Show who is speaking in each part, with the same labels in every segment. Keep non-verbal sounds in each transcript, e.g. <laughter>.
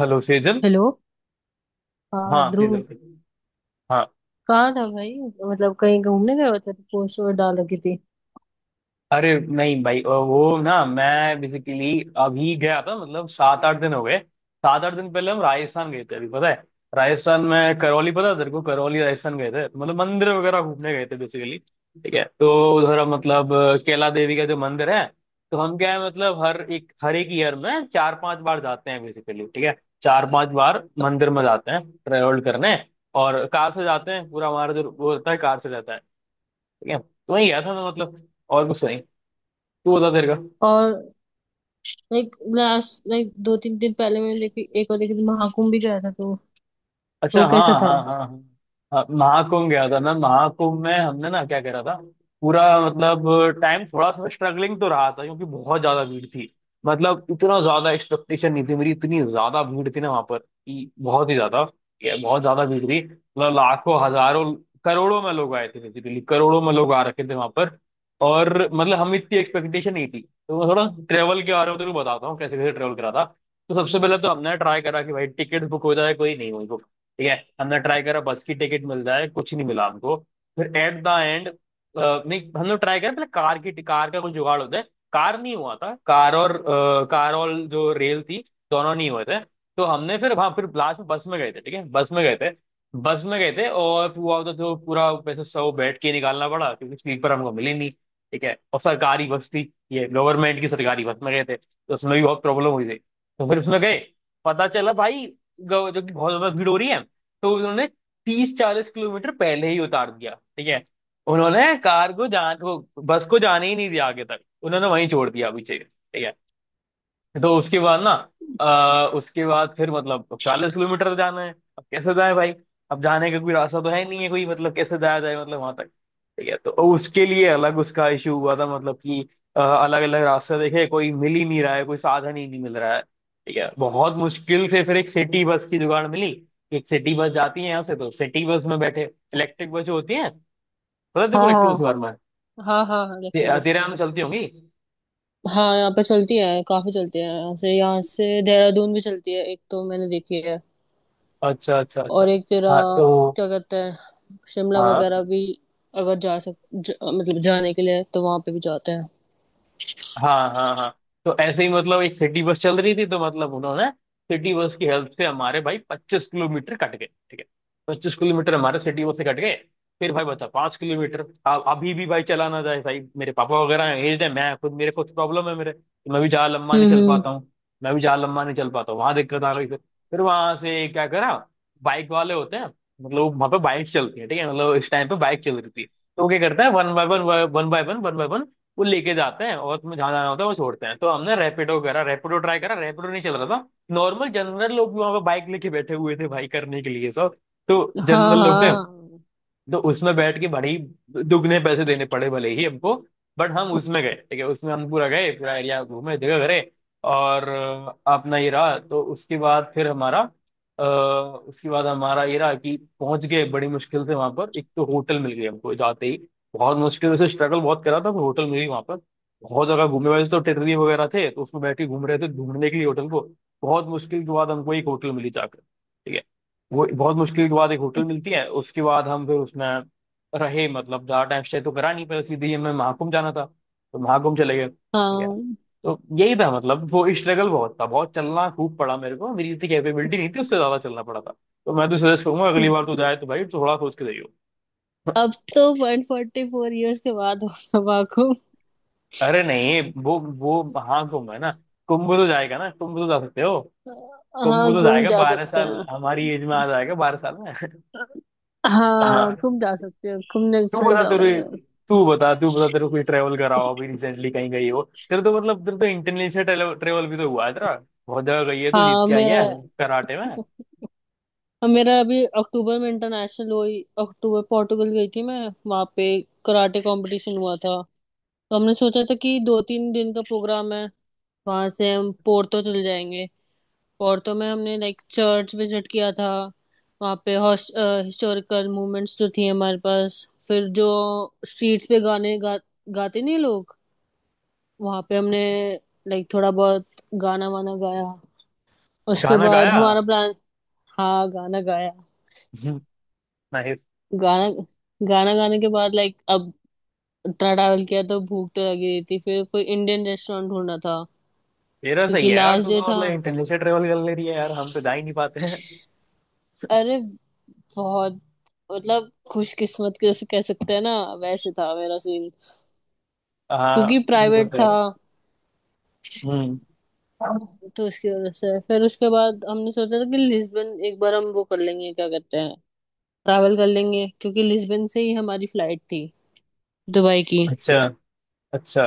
Speaker 1: Hello Sejal.
Speaker 2: Hello. हाँ
Speaker 1: हाँ
Speaker 2: ध्रुव,
Speaker 1: सेजल। हाँ।
Speaker 2: कहाँ था भाई? मतलब कहीं घूमने गए होते तो पोस्ट और डाल रखी थी।
Speaker 1: अरे नहीं भाई, वो ना मैं बेसिकली अभी गया था, मतलब 7-8 दिन हो गए। 7-8 दिन पहले हम राजस्थान गए थे अभी, पता है। राजस्थान में करौली, पता है तेरे को? करौली राजस्थान गए थे, मतलब मंदिर वगैरह घूमने गए थे बेसिकली। ठीक है तो उधर हम मतलब कैला देवी का जो मंदिर है। तो हम क्या है, मतलब हर एक ईयर में 4-5 बार जाते हैं बेसिकली। ठीक है, 4-5 बार मंदिर में जाते हैं ट्रेवल करने। और कार से जाते हैं, पूरा हमारा जो वो होता है कार से जाता है। ठीक है, तो वही गया था मैं, मतलब और कुछ नहीं। तू बता तेरे का?
Speaker 2: और लाइक लास्ट लाइक 2-3 दिन पहले मैंने देखी, एक और देखी थी, महाकुंभ भी गया था तो। तो
Speaker 1: अच्छा हाँ
Speaker 2: कैसा
Speaker 1: हाँ
Speaker 2: था?
Speaker 1: हाँ हाँ। हाँ, महाकुंभ गया था मैं। महाकुंभ में हमने ना क्या करा था। पूरा मतलब टाइम थोड़ा थोड़ा स्ट्रगलिंग तो रहा था, क्योंकि बहुत ज्यादा भीड़ थी। मतलब इतना ज्यादा एक्सपेक्टेशन नहीं थी मेरी, इतनी ज्यादा भीड़ थी ना वहां पर कि बहुत ही ज्यादा। ये बहुत ज्यादा भीड़ थी। मतलब लाखों हजारों करोड़ों में लोग आए थे, लिटरली करोड़ों में लोग आ रखे थे वहां पर। और मतलब हम इतनी एक्सपेक्टेशन नहीं थी। तो मैं थोड़ा ट्रेवल के बारे में तो बताता हूँ कैसे कैसे ट्रेवल करा था। तो सबसे पहले तो हमने ट्राई करा कि भाई टिकट बुक हो जाए, कोई नहीं हुई। ठीक है, हमने ट्राई करा बस की टिकट मिल जाए, कुछ नहीं मिला हमको। फिर एट द एंड, नहीं, हमने ट्राई करा पहले कार का कुछ जुगाड़ होता है। कार नहीं हुआ था, कार और जो रेल थी, दोनों नहीं हुए थे। तो हमने फिर वहां फिर लास्ट में बस में गए थे। ठीक है, बस में गए थे। बस में गए थे, और फिर हुआ तो जो पूरा पैसे सौ बैठ के निकालना पड़ा क्योंकि स्लीपर हमको मिली नहीं। ठीक है, और सरकारी बस थी ये, गवर्नमेंट की सरकारी बस में गए थे, तो उसमें भी बहुत प्रॉब्लम हुई थी। तो फिर उसमें गए, पता चला भाई, जो कि बहुत ज्यादा भीड़ हो रही है। तो उन्होंने 30-40 किलोमीटर पहले ही उतार दिया। ठीक है, उन्होंने कार को जान वो बस को जाने ही नहीं दिया आगे तक, उन्होंने वहीं छोड़ दिया पीछे। ठीक है, तो उसके बाद ना उसके बाद फिर मतलब 40 किलोमीटर तो जाना है। अब कैसे जाए भाई? अब जाने का कोई रास्ता तो है नहीं, है कोई मतलब कैसे जाया जाए मतलब वहां तक। ठीक है, तो उसके लिए अलग उसका इशू हुआ था, मतलब कि अलग अलग रास्ते देखे, कोई मिल ही नहीं रहा है, कोई साधन ही नहीं मिल रहा है। ठीक है, बहुत मुश्किल से फिर एक सिटी बस की जुगाड़ मिली। एक सिटी बस जाती है यहाँ से, तो सिटी बस में बैठे, इलेक्ट्रिक बस जो होती है। पता है तेरे को
Speaker 2: हाँ
Speaker 1: इलेक्ट्रिक
Speaker 2: हाँ
Speaker 1: बस के बारे में?
Speaker 2: हाँ हाँ। हाँ इलेक्ट्रो।
Speaker 1: तेरे यहाँ में चलती होंगी।
Speaker 2: हाँ, यहाँ पे चलती है, काफी चलती है, यहाँ से, यहाँ से देहरादून भी चलती है, एक तो मैंने देखी है।
Speaker 1: अच्छा अच्छा अच्छा।
Speaker 2: और एक तेरा
Speaker 1: हाँ तो।
Speaker 2: क्या कहते हैं, शिमला
Speaker 1: हाँ
Speaker 2: वगैरह भी, अगर मतलब जाने के लिए तो वहां पे भी जाते हैं।
Speaker 1: हाँ हाँ। हाँ तो ऐसे ही मतलब एक सिटी बस चल रही थी, तो मतलब उन्होंने सिटी बस की हेल्प से हमारे भाई 25 किलोमीटर कट गए। ठीक है, 25 किलोमीटर हमारे सिटी बस से कट गए। फिर भाई बता, 5 किलोमीटर अब अभी भी भाई चला ना जाए भाई, मेरे पापा वगैरह एज है, मैं खुद मेरे कुछ प्रॉब्लम है मेरे। मैं भी जहाँ लंबा नहीं
Speaker 2: हम्म।
Speaker 1: चल
Speaker 2: हम्म।
Speaker 1: पाता हूँ मैं भी जहाँ लंबा नहीं चल पाता हूँ वहां दिक्कत आ गई फिर। फिर वहां से क्या करा? बाइक वाले होते हैं, मतलब वहां पे बाइक चलती है। ठीक है, मतलब इस टाइम पे बाइक चल रही थी। तो वो क्या करता है, one by one one by one one by one वो लेके जाते हैं, और तुम्हें जहाँ जाना होता है वो छोड़ते हैं। तो हमने रैपिडो करा, रैपिडो ट्राई करा, रैपिडो नहीं चल रहा था। नॉर्मल जनरल लोग भी वहां पे बाइक लेके बैठे हुए थे भाई, करने के लिए सब। तो
Speaker 2: हाँ
Speaker 1: जनरल लोग थे।
Speaker 2: हाँ
Speaker 1: तो उसमें बैठ के बड़े ही दुगने पैसे देने पड़े भले ही हमको, बट हम उसमें गए। ठीक है, उसमें हम पूरा गए, पूरा एरिया घूमे जगह करे। और अपना ये रहा। तो उसके बाद फिर हमारा उसके बाद हमारा ये रहा कि पहुंच गए बड़ी मुश्किल से वहां पर, एक तो होटल मिल गई हमको जाते ही। बहुत मुश्किल से स्ट्रगल बहुत करा था, पर होटल मिल गई वहां पर। बहुत जगह घूमे वैसे तो, टेटरी वगैरह थे तो उसमें बैठ के घूम रहे थे ढूंढने के लिए होटल को। बहुत मुश्किल के बाद हमको एक होटल मिली जाकर। ठीक है, वो बहुत मुश्किल के बाद एक होटल मिलती है, उसके बाद हम फिर उसमें रहे। मतलब ज्यादा टाइम स्टे तो करा नहीं, पर सीधे ही हमें महाकुंभ जाना था। तो महाकुंभ चले गए। ठीक है,
Speaker 2: हाँ।
Speaker 1: तो यही था, मतलब वो स्ट्रगल बहुत था, बहुत चलना खूब पड़ा मेरे को, मेरी इतनी कैपेबिलिटी नहीं थी, उससे ज्यादा चलना पड़ा था। तो मैं तो सजेस्ट करूंगा, अगली
Speaker 2: अब
Speaker 1: बार तो जाए तो भाई थोड़ा सोच के जाइयो।
Speaker 2: तो 144 ईयर्स के बाद होगा वाकुम।
Speaker 1: अरे नहीं, वो महाकुंभ है ना। कुंभ तो जाएगा ना, कुंभ तो जा सकते हो। कुंभ
Speaker 2: हाँ
Speaker 1: तो
Speaker 2: गुम
Speaker 1: जाएगा
Speaker 2: जा
Speaker 1: बारह
Speaker 2: सकते
Speaker 1: साल
Speaker 2: हैं।
Speaker 1: हमारी एज में आ जाएगा 12 साल में।
Speaker 2: हाँ
Speaker 1: हाँ।
Speaker 2: गुम जा सकते हैं, गुम
Speaker 1: तू
Speaker 2: नेक्स्ट टाइम
Speaker 1: बता तेरे
Speaker 2: जाऊंगी मैं।
Speaker 1: तू बता तेरे को कोई ट्रेवल करा हो अभी रिसेंटली, कहीं गई हो? तेरे तो मतलब तेरे तो इंटरनेशनल ट्रेवल भी तो हुआ है तेरा। बहुत जगह गई है, तू जीत
Speaker 2: हाँ
Speaker 1: के आई
Speaker 2: मेरा,
Speaker 1: है कराटे में।
Speaker 2: मेरा अभी अक्टूबर में इंटरनेशनल हुई, अक्टूबर पोर्टुगल गई थी मैं। वहाँ पे कराटे कंपटीशन हुआ था। तो हमने सोचा था कि 2-3 दिन का प्रोग्राम है, वहां से हम पोर्तो चले जाएंगे। पोर्टो में हमने लाइक चर्च विजिट किया था। वहाँ पे हिस्टोरिकल मूवमेंट्स जो थी हमारे पास, फिर जो स्ट्रीट्स पे गाते नहीं लोग, वहाँ पे हमने लाइक थोड़ा बहुत गाना वाना गाया। उसके
Speaker 1: गाना
Speaker 2: बाद
Speaker 1: गाया।
Speaker 2: हमारा प्लान। हाँ गाना गाया।
Speaker 1: <laughs> नाइस।
Speaker 2: गाना, गाना गाने के बाद लाइक, अब इतना ट्रैवल किया तो भूख तो लगी रही थी, फिर कोई इंडियन रेस्टोरेंट ढूंढना था,
Speaker 1: तेरा
Speaker 2: क्योंकि
Speaker 1: सही है यार,
Speaker 2: लास्ट
Speaker 1: तू
Speaker 2: डे
Speaker 1: तो
Speaker 2: था।
Speaker 1: मतलब इंटरनेशनल ट्रेवल कर ले रही है यार, हम तो जा ही नहीं पाते हैं। <laughs>
Speaker 2: अरे बहुत, मतलब खुशकिस्मत कैसे कह सकते हैं ना, वैसे था मेरा सीन,
Speaker 1: हाँ।
Speaker 2: क्योंकि
Speaker 1: वो
Speaker 2: प्राइवेट
Speaker 1: तो है।
Speaker 2: था।
Speaker 1: हम्म।
Speaker 2: तो इसकी वजह से फिर उसके बाद हमने सोचा था कि लिस्बन एक बार हम वो कर लेंगे, क्या कहते हैं, ट्रैवल कर लेंगे, क्योंकि लिस्बन से ही हमारी फ्लाइट थी दुबई की।
Speaker 1: अच्छा अच्छा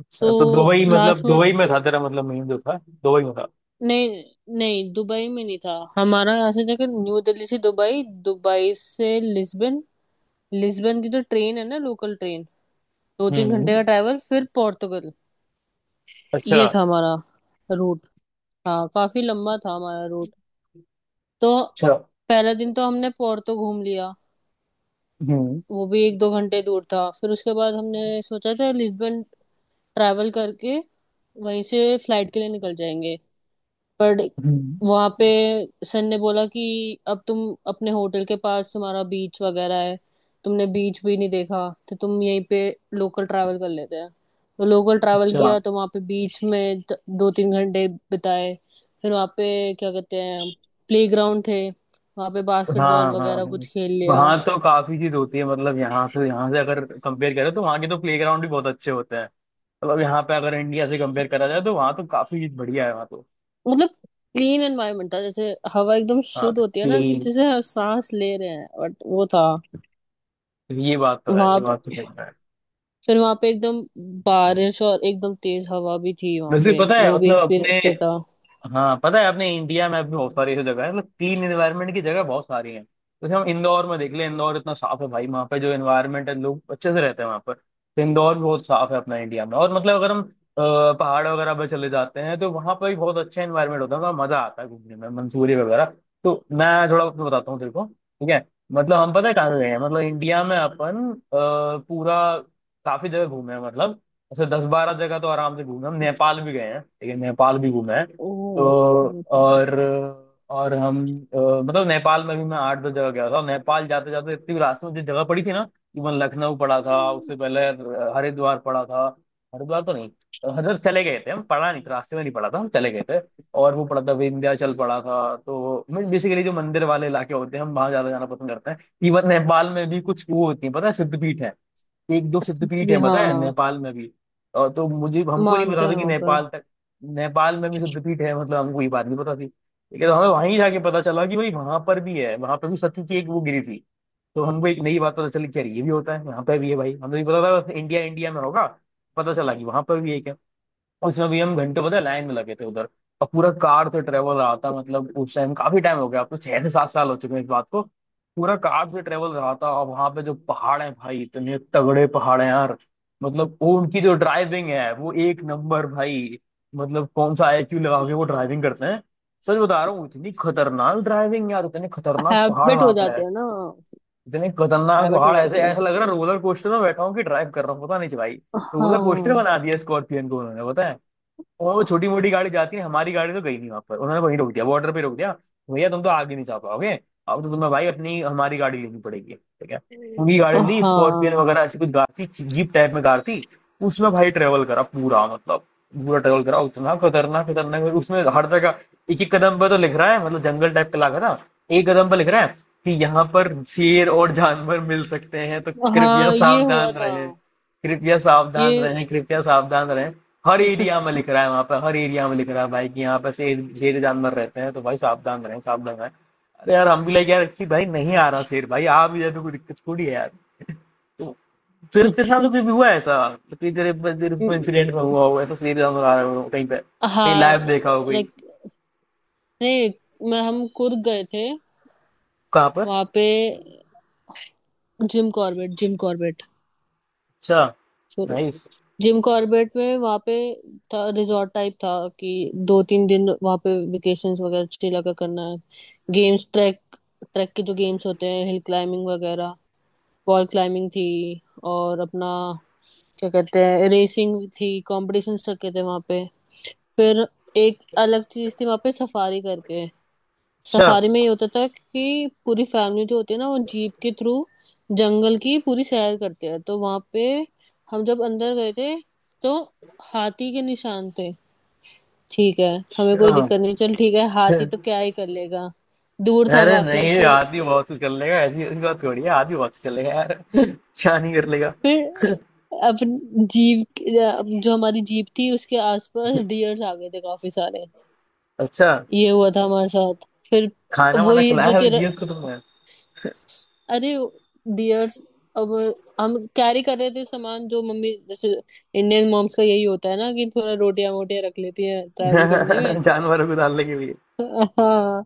Speaker 1: अच्छा। तो
Speaker 2: तो
Speaker 1: दुबई, मतलब
Speaker 2: लास्ट में
Speaker 1: दुबई में था तेरा, मतलब मेन जो था दुबई में था।
Speaker 2: नहीं, नहीं दुबई में नहीं था। हमारा यहाँ से जाकर न्यू दिल्ली से दुबई, दुबई से लिस्बन, लिस्बन की जो ट्रेन है ना, लोकल ट्रेन, 2-3 घंटे का
Speaker 1: हम्म।
Speaker 2: ट्रैवल, फिर पोर्टुगल।
Speaker 1: अच्छा।
Speaker 2: ये था हमारा रूट। हाँ काफी लंबा था हमारा रूट। तो
Speaker 1: अच्छा।
Speaker 2: पहला दिन तो हमने पोर्to घूम लिया,
Speaker 1: हम्म।
Speaker 2: वो भी 1-2 घंटे दूर था। फिर उसके बाद हमने सोचा था लिस्बन ट्रैवल करके वहीं से फ्लाइट के लिए निकल जाएंगे। पर
Speaker 1: हम्म।
Speaker 2: वहाँ पे सन ने बोला कि अब तुम, अपने होटल के पास तुम्हारा बीच वगैरह है, तुमने बीच भी नहीं देखा, तो तुम यहीं पे लोकल ट्रैवल कर लेते हैं। तो लोकल ट्रैवल
Speaker 1: अच्छा।
Speaker 2: किया तो वहाँ पे बीच में 2-3 घंटे बिताए। फिर वहाँ पे क्या कहते हैं, प्ले ग्राउंड थे वहाँ पे, बास्केटबॉल
Speaker 1: हाँ हाँ
Speaker 2: वगैरह
Speaker 1: हाँ।
Speaker 2: कुछ खेल लिया।
Speaker 1: वहाँ तो काफी चीज होती है, मतलब यहाँ से अगर कंपेयर करें तो वहाँ के तो प्लेग्राउंड भी बहुत अच्छे होते हैं। मतलब यहाँ पे अगर इंडिया से कंपेयर करा जाए तो वहाँ तो काफी चीज बढ़िया है वहाँ तो।
Speaker 2: मतलब क्लीन एनवायरनमेंट था, जैसे हवा एकदम
Speaker 1: हाँ
Speaker 2: शुद्ध होती है
Speaker 1: तो
Speaker 2: ना, कि
Speaker 1: ये
Speaker 2: जैसे हम सांस ले रहे हैं, बट वो था
Speaker 1: ये बात तो है, ये
Speaker 2: वहां।
Speaker 1: बात तो सही है।
Speaker 2: फिर वहां पे एकदम बारिश और एकदम तेज हवा भी थी वहां
Speaker 1: वैसे
Speaker 2: पे,
Speaker 1: पता है
Speaker 2: वो भी
Speaker 1: मतलब अपने,
Speaker 2: एक्सपीरियंस किया था।
Speaker 1: हाँ पता है, अपने इंडिया में अभी बहुत सारी ऐसी जगह है, मतलब क्लीन एनवायरनमेंट की जगह बहुत सारी है। जैसे हम इंदौर में देख ले, इंदौर इतना साफ है भाई, वहाँ पे जो एनवायरनमेंट है, लोग अच्छे से रहते हैं वहाँ पर। तो इंदौर भी बहुत साफ है अपना इंडिया में, और मतलब अगर हम पहाड़ वगैरह पर चले जाते हैं तो वहाँ पर भी बहुत अच्छा एनवायरनमेंट होता है, वहाँ मजा आता है घूमने में, मंसूरी वगैरह। तो मैं थोड़ा अपना बताता हूँ तेरे को। ठीक है, मतलब हम पता है कहाँ गए हैं, मतलब इंडिया में अपन पूरा काफी जगह घूमे हैं, मतलब ऐसे 10-12 जगह तो आराम से घूमे हैं। हम नेपाल भी गए हैं, ठीक है, नेपाल भी घूमे हैं तो।
Speaker 2: ओह। नेपाल।
Speaker 1: और और हम मतलब नेपाल में भी मैं 8-10 जगह गया था। नेपाल जाते जाते इतनी रास्ते में जो जगह पड़ी थी ना, इवन लखनऊ पड़ा था उससे पहले। हरिद्वार पड़ा था। हरिद्वार तो नहीं, हरिद्वार चले गए थे हम, पढ़ा नहीं था रास्ते में, नहीं पड़ा था, हम चले गए थे। और वो पड़ा था, विंध्याचल पड़ा था तो। बेसिकली जो मंदिर वाले इलाके होते हैं, हम वहां ज्यादा जाना पसंद करते हैं। इवन नेपाल में भी कुछ वो होती है पता है, सिद्धपीठ। एक दो
Speaker 2: सच
Speaker 1: सिद्धपीठ
Speaker 2: में,
Speaker 1: है पता है
Speaker 2: हाँ।
Speaker 1: नेपाल में भी। और तो मुझे हमको नहीं
Speaker 2: मानते
Speaker 1: पता था
Speaker 2: हैं
Speaker 1: कि
Speaker 2: वहां पे।
Speaker 1: नेपाल तक नेपाल में भी सिद्धपीठ है, मतलब हमको ये बात नहीं पता थी। लेकिन हमें वहीं जाके पता चला कि भाई वहां पर भी है, वहां पर भी सती की एक वो गिरी थी। तो हमको एक नई बात पता चली कि यार ये भी होता है, यहाँ पे भी है भाई, हमें भी पता था इंडिया इंडिया में होगा। पता चला कि वहां पर भी है। उसमें भी हम घंटे पता है लाइन में लगे थे उधर। और पूरा कार से ट्रेवल रहा था, मतलब उस टाइम काफी टाइम हो गया, अब तो 6 से 7 साल हो चुके हैं इस बात को। पूरा कार से ट्रेवल रहा था, और वहां पे जो पहाड़ है भाई, इतने तगड़े पहाड़ हैं यार। मतलब वो उनकी जो ड्राइविंग है वो एक नंबर भाई। मतलब कौन सा आईक्यू लगा के वो ड्राइविंग करते हैं। सच बता रहा हूँ, इतनी खतरनाक ड्राइविंग यार, इतने खतरनाक पहाड़
Speaker 2: हैबिट
Speaker 1: वहां
Speaker 2: हो
Speaker 1: पे
Speaker 2: जाते
Speaker 1: है।
Speaker 2: हैं ना।
Speaker 1: इतने खतरनाक
Speaker 2: हैबिट हो
Speaker 1: पहाड़ ऐसे
Speaker 2: जाते हैं।
Speaker 1: ऐसा लग रहा है रोलर कोस्टर में बैठा हूँ कि ड्राइव कर रहा हूँ, पता नहीं भाई। रोलर कोस्टर
Speaker 2: हाँ।
Speaker 1: बना दिया स्कॉर्पियन को उन्होंने, पता है। और वो छोटी मोटी गाड़ी जाती है, हमारी गाड़ी तो गई नहीं वहां पर, उन्होंने वहीं रोक दिया, बॉर्डर पे रोक दिया। भैया तुम तो आगे नहीं जा पाओगे। अब तो तुम्हें भाई अपनी हमारी गाड़ी लेनी पड़ेगी। ठीक है, उनकी गाड़ी ली, स्कॉर्पियन
Speaker 2: हाँ
Speaker 1: वगैरह ऐसी कुछ कार थी, जीप टाइप में कार थी। उसमें भाई ट्रेवल करा पूरा, मतलब पूरा ट्रेवल करा। उतना खतरनाक खतरनाक उसमें हर जगह एक एक कदम पर तो लिख रहा है, मतलब जंगल टाइप का इलाका था। एक कदम पर लिख रहा है कि यहाँ पर शेर और जानवर मिल सकते हैं, तो कृपया
Speaker 2: हाँ। ये
Speaker 1: सावधान
Speaker 2: हुआ था।
Speaker 1: रहे, कृपया सावधान
Speaker 2: ये।
Speaker 1: रहें, कृपया सावधान रहें। हर एरिया में लिख रहा है वहां पर, हर एरिया में लिख रहा है भाई, कि यहाँ पर शेर शेर जानवर रहते हैं, तो भाई सावधान रहें, सावधान रहें। अरे यार, हम भी लगे यार कि भाई नहीं आ रहा शेर, भाई आ भी जाए तो कोई दिक्कत थोड़ी है यार। तो तेरे तेरे साथ
Speaker 2: <laughs>
Speaker 1: तो कभी हुआ है ऐसा कि तेरे तेरे इंसिडेंट में हुआ हो ऐसा, शेर जानवर आ रहा हो कहीं पे, कहीं
Speaker 2: हाँ।
Speaker 1: लाइव देखा हो कोई?
Speaker 2: लाइक, नहीं, मैं, हम कुर्ग गए थे।
Speaker 1: कहाँ पर?
Speaker 2: वहां पे जिम कॉर्बेट, जिम कॉर्बेट,
Speaker 1: अच्छा,
Speaker 2: सॉरी,
Speaker 1: नाइस।
Speaker 2: जिम कॉर्बेट में, वहां पे था, रिजॉर्ट टाइप था, कि दो तीन दिन वहां पे वेकेशंस वगैरह चिल अगर करना है। गेम्स ट्रैक, ट्रैक के जो गेम्स होते हैं, हिल क्लाइंबिंग वगैरह, वॉल क्लाइंबिंग थी, और अपना क्या कहते हैं, रेसिंग थी, कॉम्पिटिशन रखे थे वहां पे। फिर एक अलग चीज थी वहां पे, सफारी करके।
Speaker 1: अच्छा,
Speaker 2: सफारी में ये होता था कि पूरी फैमिली जो होती है ना वो जीप के थ्रू जंगल की पूरी सैर करते हैं। तो वहां पे हम जब अंदर गए थे तो हाथी के निशान थे। ठीक है, हमें
Speaker 1: अच्छा,
Speaker 2: कोई दिक्कत नहीं, चल ठीक है,
Speaker 1: अच्छा।
Speaker 2: हाथी तो क्या ही कर लेगा, दूर था
Speaker 1: अरे
Speaker 2: काफी।
Speaker 1: नहीं,
Speaker 2: फिर
Speaker 1: आदमी बहुत कुछ कर लेगा, ऐसी ऐसी बात थोड़ी है, आदमी बहुत कुछ कर लेगा यार <laughs> क्या नहीं कर लेगा।
Speaker 2: फिर अपनी जीप, जो हमारी जीप थी, उसके आसपास डियर्स आ गए थे काफी सारे।
Speaker 1: <laughs> अच्छा,
Speaker 2: ये हुआ था हमारे साथ। फिर
Speaker 1: खाना वाना
Speaker 2: वही
Speaker 1: खिलाया
Speaker 2: जो
Speaker 1: है
Speaker 2: तेरा,
Speaker 1: दिया उसको तुमने?
Speaker 2: अरे डियर्स, अब, हम कैरी कर रहे थे सामान जो मम्मी, जैसे इंडियन मॉम्स का यही होता है ना कि थोड़ा रोटियां वोटियां रख लेती हैं
Speaker 1: <laughs>
Speaker 2: ट्रैवल करने में।
Speaker 1: जानवरों को डालने के लिए?
Speaker 2: हाँ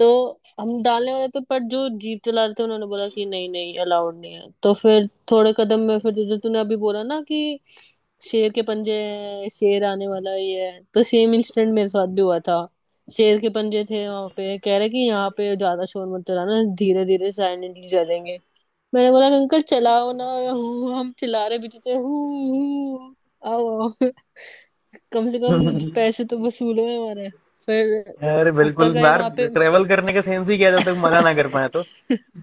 Speaker 2: तो हम डालने वाले थे, पर जो जीप चला रहे थे उन्होंने बोला कि नहीं नहीं अलाउड नहीं है। तो फिर थोड़े कदम में फिर जो तूने अभी बोला ना कि शेर के पंजे हैं, शेर आने वाला ये है, तो सेम इंसिडेंट मेरे साथ भी हुआ था। शेर के पंजे थे वहां पे, कह रहे कि यहाँ पे ज्यादा शोर मत चलाना, धीरे धीरे साइलेंटली चलेंगे। मैंने बोला अंकल चलाओ ना, हु, हम चिल्ला रहे पीछे से, हु हु, आओ आओ। <laughs> कम से कम पैसे तो वसूल हुए हमारे। फिर
Speaker 1: अरे बिल्कुल
Speaker 2: ऊपर गए
Speaker 1: यार,
Speaker 2: वहां पे,
Speaker 1: ट्रेवल करने का सेंस ही क्या है, जब तक मना ना कर पाए तो।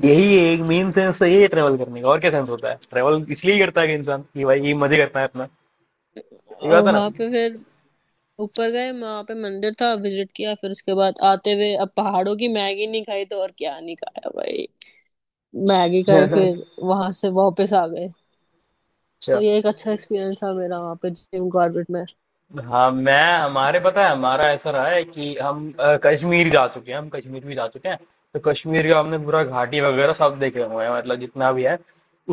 Speaker 1: यही एक मेन सेंस तो यही है ट्रेवल करने का, और क्या सेंस होता है, ट्रेवल इसलिए करता है कि इंसान कि भाई ये मजे करता है अपना, ये बात
Speaker 2: और
Speaker 1: है ना।
Speaker 2: वहां पे फिर ऊपर गए, वहां पे मंदिर था, विजिट किया। फिर उसके बाद आते हुए, अब पहाड़ों की मैगी नहीं खाई तो और क्या नहीं खाया भाई, मैगी खाई।
Speaker 1: <laughs>
Speaker 2: फिर वहां से वापस आ गए। तो
Speaker 1: अच्छा।
Speaker 2: ये एक अच्छा एक्सपीरियंस था मेरा वहां पे जिम कॉर्बेट में।
Speaker 1: हाँ, मैं हमारे पता है, हमारा ऐसा रहा है कि हम कश्मीर जा चुके हैं, हम कश्मीर भी जा चुके हैं। तो कश्मीर का हमने पूरा घाटी वगैरह सब देखे हुए हैं, मतलब जितना भी है।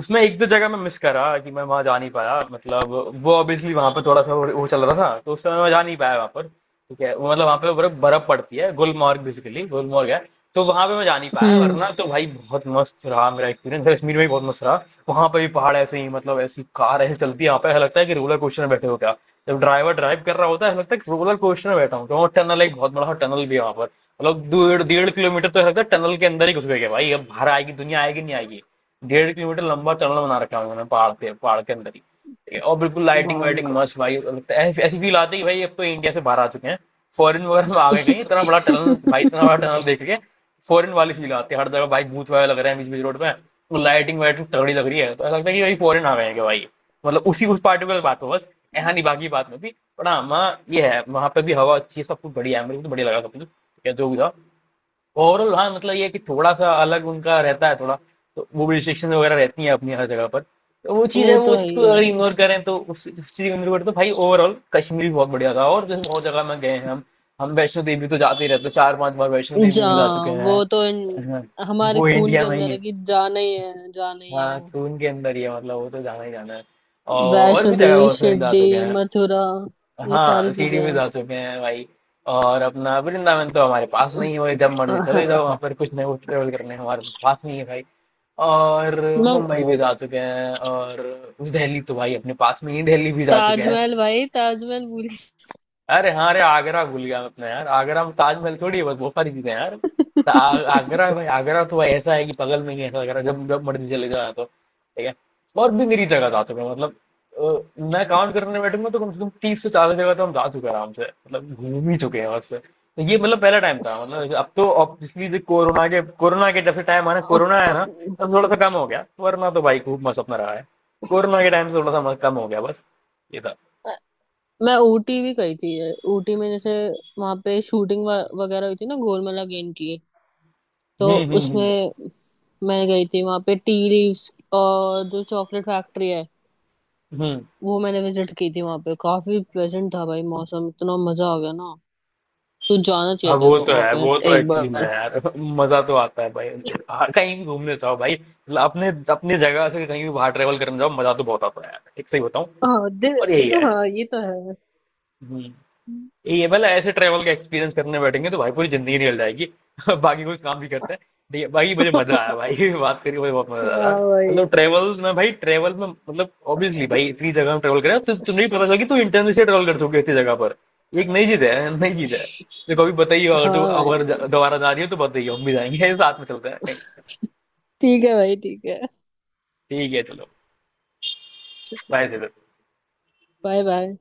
Speaker 1: उसमें एक दो जगह मैं मिस करा कि मैं वहां जा नहीं पाया, मतलब वो ऑब्वियसली वहां पर थोड़ा सा वो चल रहा था तो उस समय मैं जा नहीं पाया वहां पर। ठीक है, वो मतलब वहां पे बर्फ बर्फ पड़ती है, गुलमर्ग बेसिकली गुलमर्ग है। तो वहां पे मैं जा नहीं पाया,
Speaker 2: हम्म।
Speaker 1: वरना तो भाई बहुत मस्त रहा, मेरा एक्सपीरियंस कश्मीर में भी बहुत मस्त रहा। वहां पे भी पहाड़ ऐसे ही, मतलब ऐसी कार ऐसे चलती है यहाँ पे, ऐसा लगता है कि रोलर कोस्टर में बैठे हो क्या। जब ड्राइवर ड्राइव कर रहा होता है ऐसा लगता है कि रोलर कोस्टर में बैठा हूँ। तो वहाँ टनल, एक बहुत बड़ा टनल भी है वहां पर, मतलब 1.5 1.5 किलोमीटर, तो ऐसा लगता है टनल के अंदर ही घुस गए क्या भाई, अब बाहर आएगी दुनिया, आएगी नहीं आएगी। 1.5 किलोमीटर लंबा टनल बना रखा है उन्होंने पहाड़ पे, पहाड़ के अंदर ही। और बिल्कुल लाइटिंग
Speaker 2: भाई
Speaker 1: वाइटिंग
Speaker 2: का।
Speaker 1: मस्त भाई लगता है, ऐसी ऐसी फील आती है कि भाई अब तो इंडिया से बाहर आ चुके हैं, फॉरेन वगैरह में आ गए कहीं, इतना बड़ा टनल भाई, इतना बड़ा
Speaker 2: <laughs>
Speaker 1: टनल देख के फॉरेन वाली फील आती है। हर जगह भाई भूत वाला लग रहा है, बीच बीच रोड पे वो लाइटिंग वाइटिंग तगड़ी लग रही है, तो ऐसा लगता है कि भाई फॉरेन आ गए हैं क्या भाई, मतलब उसी उस पार्टिकुलर बात पे बस। ऐसा नहीं बाकी बात में भी, पर हाँ वहाँ ये है, वहाँ पे भी हवा अच्छी है, सब कुछ बढ़िया है, मेरे को तो बढ़िया लगा सब कुछ, या जो भी था। ओवरऑल हाँ, मतलब ये है कि थोड़ा सा अलग उनका रहता है थोड़ा, तो वो भी रिस्ट्रिक्शन वगैरह रहती हैं अपनी हर जगह पर, तो वो चीज़ है,
Speaker 2: वो
Speaker 1: वो
Speaker 2: तो है
Speaker 1: चीज़
Speaker 2: ही
Speaker 1: को
Speaker 2: है।
Speaker 1: अगर इग्नोर करें, तो उस चीज़ को इग्नोर करें तो भाई ओवरऑल कश्मीर भी बहुत बढ़िया था। और जैसे बहुत जगह में गए हैं हम वैष्णो देवी तो जाते ही रहते हैं, 4 5 बार वैष्णो देवी
Speaker 2: जा,
Speaker 1: भी जा अच्छा चुके
Speaker 2: वो
Speaker 1: हैं।
Speaker 2: तो इन,
Speaker 1: हाँ,
Speaker 2: हमारे
Speaker 1: वो
Speaker 2: खून के
Speaker 1: इंडिया में ही
Speaker 2: अंदर
Speaker 1: है,
Speaker 2: है कि जाना ही है, जाना ही
Speaker 1: हाँ
Speaker 2: है।
Speaker 1: तो उनके अंदर ही है, मतलब वो तो जाना ही जाना है। और
Speaker 2: वैष्णो
Speaker 1: भी जगह
Speaker 2: देवी,
Speaker 1: बहुत सारी जा
Speaker 2: शिरडी,
Speaker 1: चुके हैं।
Speaker 2: मथुरा, ये
Speaker 1: हाँ,
Speaker 2: सारी चीजें
Speaker 1: सीडी में
Speaker 2: हैं।
Speaker 1: जा चुके हैं भाई। और अपना वृंदावन तो हमारे पास में ही है भाई, जब मर्जी
Speaker 2: हाँ,
Speaker 1: चले जाओ वहाँ पर, कुछ नए ट्रेवल करने हमारे पास में ही है भाई। और
Speaker 2: मैं,
Speaker 1: मुंबई भी जा चुके हैं, और दिल्ली तो भाई अपने पास में ही, दिल्ली भी जा चुके हैं।
Speaker 2: ताजमहल, भाई ताजमहल भूल
Speaker 1: अरे हाँ, अरे आगरा भूल गया मैं अपना यार, आगरा में ताजमहल थोड़ी है बस, बहुत सारी चीजें हैं यार। तो आगरा है भाई, आगरा तो भाई ऐसा है कि बगल में ही है ऐसा, आगरा जब जब मर्जी चले जाओ यहाँ तो ठीक है। और भी मेरी जगह जा चुका हूं, मतलब मैं काउंट करने बैठूंगा तो कम से कम 30 से 40 जगह तो हम जा चुके हैं आराम से, मतलब घूम ही चुके हैं बस। तो ये मतलब पहला टाइम
Speaker 2: गई।
Speaker 1: था, मतलब अब तो ऑब्वियसली कोरोना के जब से टाइम आना, कोरोना आया ना, तब थोड़ा सा कम हो गया, वरना तो भाई खूब मस्त अपना रहा है। कोरोना के टाइम से थोड़ा सा मस्त कम हो गया बस, ये था।
Speaker 2: मैं ऊटी भी गई थी। ऊटी में जैसे वहां पे शूटिंग वगैरह हुई थी ना गोलमाला गेम की, तो
Speaker 1: हम्म, हम्म, हम्म,
Speaker 2: उसमें मैं गई थी। वहां पे टी लीव्स, और जो चॉकलेट फैक्ट्री है
Speaker 1: हम्म,
Speaker 2: वो मैंने विजिट की थी। वहां पे काफी प्लेजेंट था भाई मौसम, इतना मजा आ गया ना। तू जाना
Speaker 1: हाँ
Speaker 2: चाहिए तेरे
Speaker 1: वो
Speaker 2: को
Speaker 1: तो
Speaker 2: वहां
Speaker 1: है,
Speaker 2: पे
Speaker 1: वो तो
Speaker 2: एक
Speaker 1: एक्चुअली में है
Speaker 2: बार।
Speaker 1: यार, मजा तो आता है भाई। हाँ, कहीं भी घूमने जाओ भाई, मतलब अपने अपनी जगह से कहीं भी बाहर ट्रेवल करने जाओ, मजा तो बहुत आता है यार, ठीक सही बताऊं।
Speaker 2: हाँ दिल।
Speaker 1: पर यही है।
Speaker 2: हाँ ये तो है।
Speaker 1: हम्म। ये वाला ऐसे ट्रैवल का एक्सपीरियंस करने बैठेंगे तो भाई पूरी जिंदगी निकल जाएगी <laughs> बाकी कुछ काम भी करते हैं। ठीक है भाई, मुझे मजा आया
Speaker 2: <laughs>
Speaker 1: भाई <laughs> बात करके मुझे बहुत मजा आया।
Speaker 2: हाँ भाई,
Speaker 1: मतलब ट्रैवल में भाई, ट्रैवल में मतलब ऑब्वियसली भाई इतनी जगह में ट्रैवल करें तो तुम्हें भी पता चला कि तू इंटरनेट से ट्रैवल कर चुके इतनी जगह पर। ये एक नई चीज है, नई चीज है। तो कभी बताइए, अगर तू
Speaker 2: हाँ
Speaker 1: अगर
Speaker 2: भाई,
Speaker 1: दोबारा जा रही हो तो बताइए, हम भी जाएंगे, साथ में चलते हैं कहीं।
Speaker 2: ठीक है भाई, ठीक है।
Speaker 1: ठीक है चलो, बाय से।
Speaker 2: Bye bye.